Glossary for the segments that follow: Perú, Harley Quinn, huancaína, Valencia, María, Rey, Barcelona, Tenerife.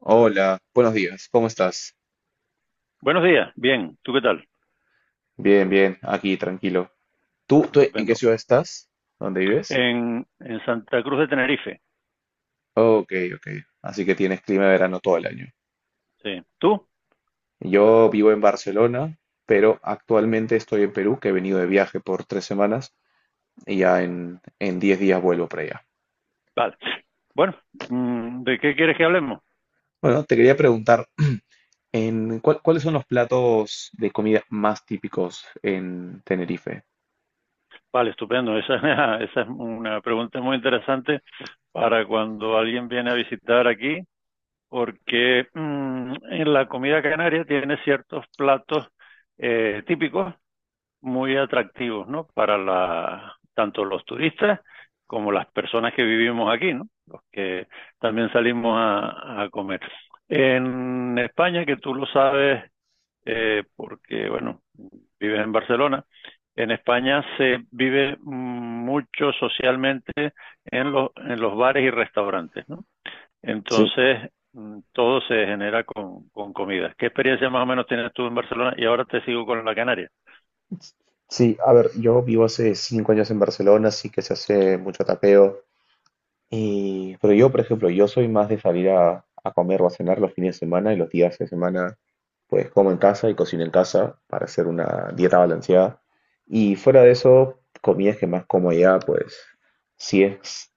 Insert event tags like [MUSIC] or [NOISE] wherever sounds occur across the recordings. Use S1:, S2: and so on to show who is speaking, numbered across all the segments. S1: Hola, buenos días, ¿cómo estás?
S2: Buenos días, bien. ¿Tú qué tal?
S1: Bien, bien, aquí, tranquilo. ¿Tú en qué
S2: Estupendo.
S1: ciudad estás? ¿Dónde vives?
S2: En Santa Cruz de Tenerife.
S1: Ok, ok. Así que tienes clima de verano todo el año.
S2: Sí. ¿Tú?
S1: Yo vivo en Barcelona, pero actualmente estoy en Perú, que he venido de viaje por 3 semanas y ya en 10 días vuelvo para allá.
S2: Vale. Bueno, ¿de qué quieres que hablemos?
S1: Bueno, te quería preguntar, ¿ cuáles son los platos de comida más típicos en Tenerife?
S2: Vale, estupendo. [LAUGHS] Esa es una pregunta muy interesante para cuando alguien viene a visitar aquí, porque en la comida canaria tiene ciertos platos típicos muy atractivos, ¿no? Para tanto los turistas como las personas que vivimos aquí, ¿no? Los que también salimos a comer. En España, que tú lo sabes, porque, bueno, vives en Barcelona, en España se vive mucho socialmente en los bares y restaurantes, ¿no?
S1: Sí,
S2: Entonces, todo se genera con comida. ¿Qué experiencia más o menos tienes tú en Barcelona? Y ahora te sigo con la Canaria.
S1: sí, a ver, yo vivo hace 5 años en Barcelona, así que se hace mucho tapeo. Y pero yo, por ejemplo, yo soy más de salir a comer o a cenar los fines de semana, y los días de semana pues como en casa y cocino en casa para hacer una dieta balanceada. Y fuera de eso, comidas que más como allá, pues si es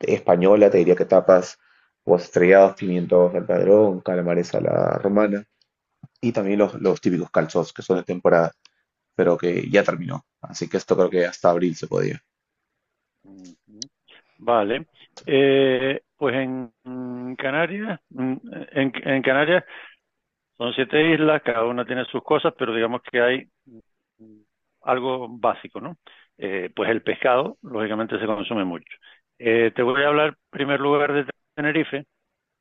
S1: española, te diría que tapas o estrellados, pimientos al padrón, calamares a la romana, y también los típicos calzos que son de temporada, pero que ya terminó. Así que esto creo que hasta abril se podía.
S2: Ujú. Vale. Pues Canarias, en Canarias son siete islas, cada una tiene sus cosas, pero digamos que hay mm, algo básico, ¿no? Pues el pescado, lógicamente, se consume mucho. Te voy a hablar en primer lugar de Tenerife,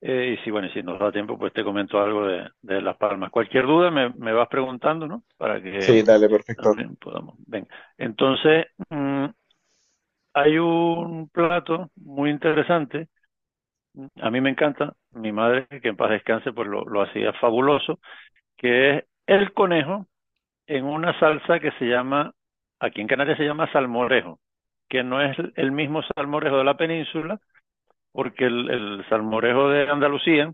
S2: y si, bueno, y si nos da tiempo, pues te comento algo de Las Palmas. Cualquier duda me vas preguntando, ¿no? Para
S1: Sí,
S2: que
S1: dale, perfecto.
S2: también podamos. Venga. Entonces, hay un plato muy interesante, a mí me encanta, mi madre, que en paz descanse, pues lo hacía fabuloso, que es el conejo en una salsa que se llama, aquí en Canarias se llama salmorejo, que no es el mismo salmorejo de la península, porque el salmorejo de Andalucía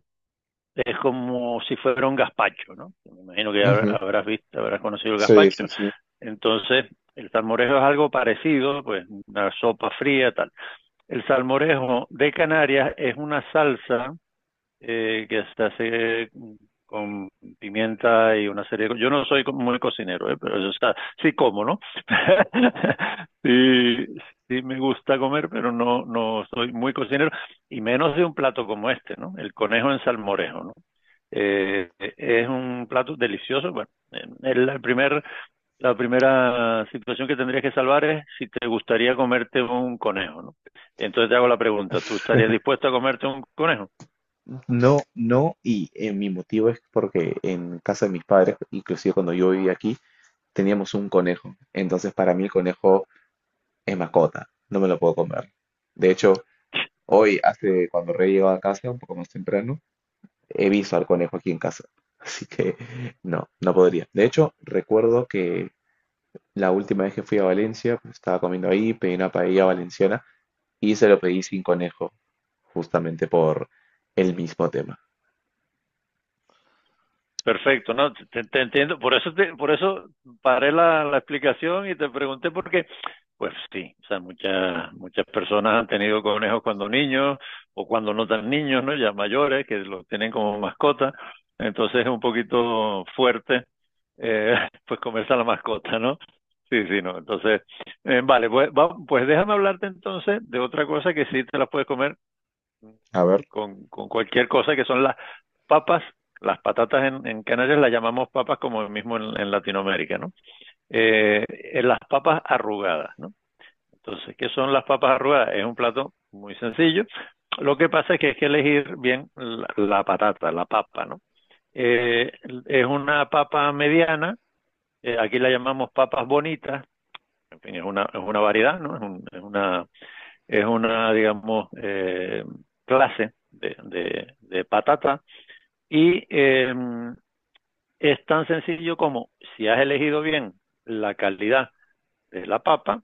S2: es como si fuera un gazpacho, ¿no? Me imagino que
S1: Ujú.
S2: habrás visto, habrás conocido el
S1: Sí,
S2: gazpacho.
S1: sí, sí.
S2: Entonces, el salmorejo es algo parecido, pues una sopa fría, tal. El salmorejo de Canarias es una salsa que se hace con pimienta y una serie de cosas. Yo no soy muy cocinero, ¿eh? Pero yo, o sea, sí como, ¿no? [LAUGHS] Sí, sí me gusta comer, pero no, no soy muy cocinero, y menos de un plato como este, ¿no? El conejo en salmorejo, ¿no? Eh, es un plato delicioso. Bueno, es el primer la primera situación que tendrías que salvar es si te gustaría comerte un conejo, ¿no? Entonces te hago la pregunta, ¿tú estarías dispuesto a comerte un conejo?
S1: No, no, y mi motivo es porque en casa de mis padres, inclusive cuando yo vivía aquí, teníamos un conejo. Entonces para mí el conejo es mascota, no me lo puedo comer. De hecho, hoy, hace cuando Rey llegó a casa, un poco más temprano, he visto al conejo aquí en casa. [LAUGHS] Así que no, no podría. De hecho, recuerdo que la última vez que fui a Valencia, pues, estaba comiendo ahí, pedí una paella valenciana y se lo pedí sin conejo, justamente por el mismo tema.
S2: Perfecto, no, te entiendo. Por eso, por eso paré la explicación y te pregunté por qué. Pues sí, o sea, muchas personas han tenido conejos cuando niños o cuando no tan niños, ¿no? Ya mayores, que los tienen como mascota. Entonces es un poquito fuerte, eh, [LAUGHS] pues comerse a la mascota, ¿no? Sí, sí, no. Entonces, vale, pues, pues déjame hablarte entonces de otra cosa que sí te la puedes comer
S1: A ver.
S2: con cualquier cosa que son las papas, las patatas en Canarias las llamamos papas como mismo en Latinoamérica, ¿no? En las papas arrugadas, ¿no? Entonces, ¿qué son las papas arrugadas? Es un plato muy sencillo. Lo que pasa es que hay que elegir bien la patata, la papa, ¿no? Eh, es una papa mediana, aquí la llamamos papas bonitas, en fin, es una variedad, ¿no? Es una, digamos, clase de patata y es tan sencillo como si has elegido bien la calidad de la papa,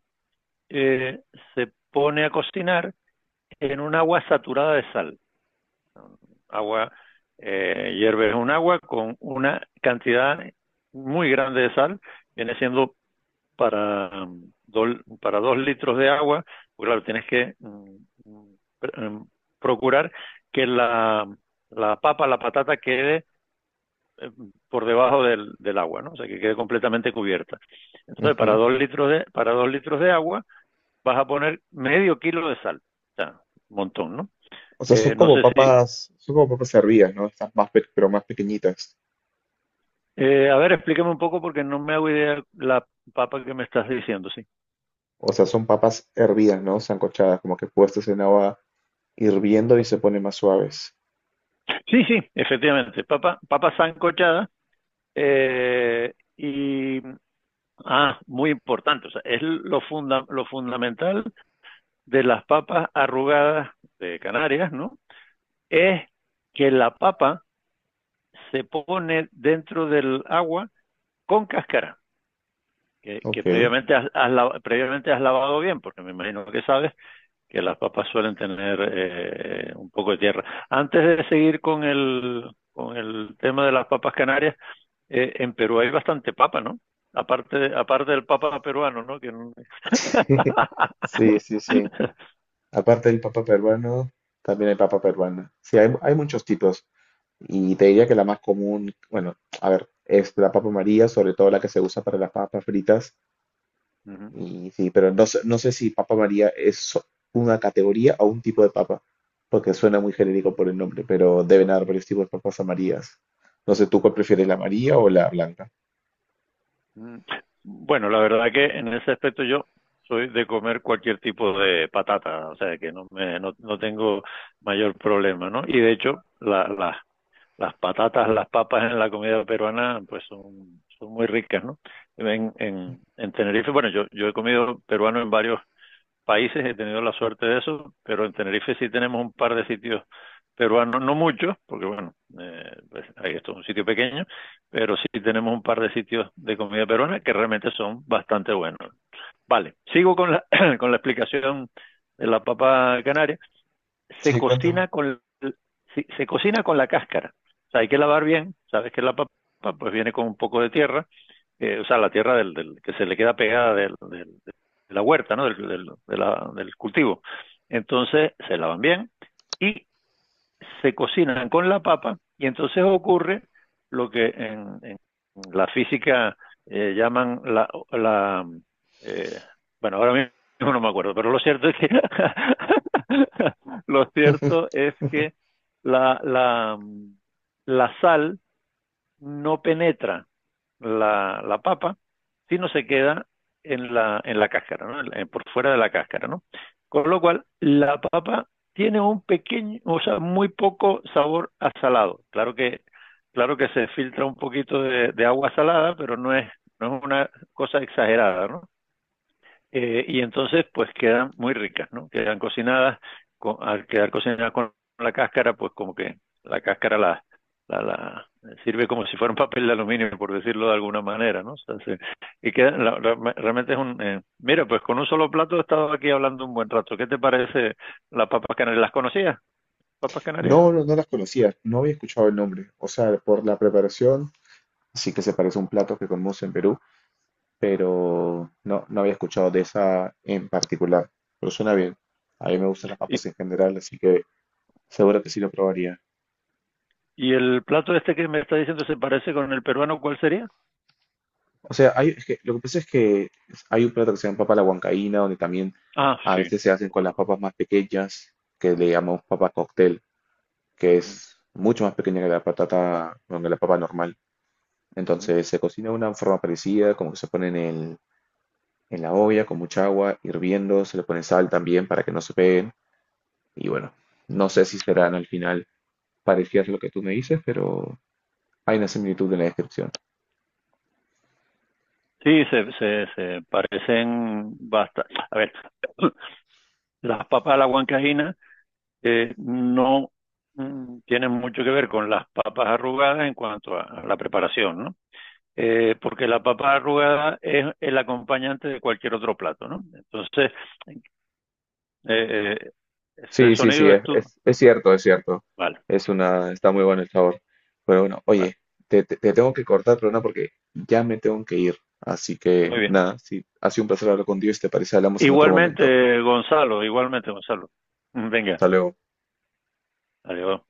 S2: eh, se pone a cocinar en un agua saturada de sal. Agua, hierves un agua con una cantidad muy grande de sal, viene siendo para, do, para 2 litros de agua, pues claro, tienes que procurar que la papa, la patata quede eh, por debajo del agua, ¿no? O sea, que quede completamente cubierta. Entonces, para dos litros de agua vas a poner medio kilo de sal. O sea, un montón, ¿no?
S1: O sea,
S2: No sé si...
S1: son como papas hervidas, ¿no? Estas más, pero más pequeñitas.
S2: A ver, explícame un poco porque no me hago idea la papa que me estás diciendo, sí.
S1: O sea, son papas hervidas, ¿no? Sancochadas, como que puestas en agua hirviendo y se ponen más suaves.
S2: Sí, sí, efectivamente. Papa sancochada y... Ah, muy importante. O sea, es lo fundamental de las papas arrugadas de Canarias, ¿no? Es que la papa se pone dentro del agua con cáscara, que
S1: Ok.
S2: previamente, has lavado, previamente has lavado bien, porque me imagino que sabes que las papas suelen tener un poco de tierra. Antes de seguir con el tema de las papas canarias, en Perú hay bastante papa, ¿no? Aparte del papa peruano, ¿no? Que... no...
S1: [LAUGHS] Sí, sí, sí. Aparte del papa peruano, también hay papa peruana. Sí, hay muchos tipos. Y te diría que la más común, bueno, a ver, es la papa María, sobre todo la que se usa para las papas fritas.
S2: [LAUGHS]
S1: Y sí, pero no, no sé si Papa María es una categoría o un tipo de papa, porque suena muy genérico por el nombre, pero deben haber varios tipos de papas a Marías. No sé, ¿tú cuál prefieres, la amarilla o la blanca?
S2: Mm, bueno, la verdad que en ese aspecto yo soy de comer cualquier tipo de patata, o sea que no me no, no tengo mayor problema, ¿no? Y de hecho, las patatas, las papas en la comida peruana, pues son muy ricas, ¿no? En Tenerife, bueno, yo he comido peruano en varios países he tenido la suerte de eso, pero en Tenerife sí tenemos un par de sitios peruanos, no muchos, porque bueno, pues, esto es un sitio pequeño, pero sí tenemos un par de sitios de comida peruana que realmente son bastante buenos. Vale, sigo con la, [CLEARS THROAT] con la explicación de la papa canaria. Se
S1: Sí, cuéntame.
S2: cocina se cocina con la cáscara. O sea, hay que lavar bien, sabes que la papa pues viene con un poco de tierra, o sea, la tierra que se le queda pegada de la huerta, ¿no? Del cultivo. Entonces se lavan bien y se cocinan con la papa y entonces ocurre lo que en la física llaman la... la eh, bueno, ahora mismo no me acuerdo, pero lo cierto es que... [LAUGHS] lo cierto
S1: [LAUGHS]
S2: es que la, la, la sal no penetra la papa, sino se queda en la cáscara, ¿no? Por fuera de la cáscara, ¿no? Con lo cual, la papa tiene un pequeño, o sea, muy poco sabor a salado. Claro que se filtra un poquito de agua salada, pero no es una cosa exagerada, ¿no? Y entonces pues quedan muy ricas, ¿no? Quedan cocinadas, al quedar cocinadas con la cáscara, pues como que la cáscara la sirve como si fuera un papel de aluminio, por decirlo de alguna manera, ¿no? O sea, y queda, realmente es mira, pues con un solo plato he estado aquí hablando un buen rato. ¿Qué te parece las papas canarias? ¿Las conocías, papas canarias?
S1: No, no, no las conocía, no había escuchado el nombre. O sea, por la preparación, sí que se parece a un plato que comemos en Perú, pero no, no había escuchado de esa en particular. Pero suena bien. A mí me gustan las
S2: Y,
S1: papas en general, así que seguro que sí lo probaría.
S2: y el plato este que me está diciendo se parece con el peruano, ¿cuál sería?
S1: O sea, hay, es que, lo que pasa es que hay un plato que se llama papa a la huancaína, donde también
S2: Ah,
S1: a
S2: sí,
S1: veces se hacen
S2: lo
S1: con las
S2: conozco.
S1: papas más pequeñas, que le
S2: Ujú,
S1: llamamos papa cóctel, que
S2: ujú,
S1: es mucho más pequeña que la patata, bueno, que la papa normal.
S2: ujú.
S1: Entonces se cocina de una forma parecida, como que se pone en en la olla con mucha agua hirviendo, se le pone sal también para que no se peguen. Y bueno, no sé si serán al final parecidas a lo que tú me dices, pero hay una similitud en la descripción.
S2: Sí, se parecen bastante. A ver, [CLEARS THROAT] las papas a la huancaína no tienen mucho que ver con las papas arrugadas en cuanto a la preparación, ¿no? Porque la papa arrugada es el acompañante de cualquier otro plato, ¿no? Entonces, eh, eh, ese
S1: Sí, sí, sí,
S2: sonido es
S1: es,
S2: tu...
S1: es cierto, es cierto.
S2: Vale,
S1: Es una, está muy bueno el sabor. Pero bueno,
S2: vale,
S1: oye, te, te tengo que cortar, pero no porque ya me tengo que ir. Así que
S2: muy bien.
S1: nada, sí, ha sido un placer hablar contigo y si te parece, hablamos en otro momento.
S2: Igualmente, Gonzalo, igualmente, Gonzalo. Venga,
S1: Hasta luego.
S2: adiós.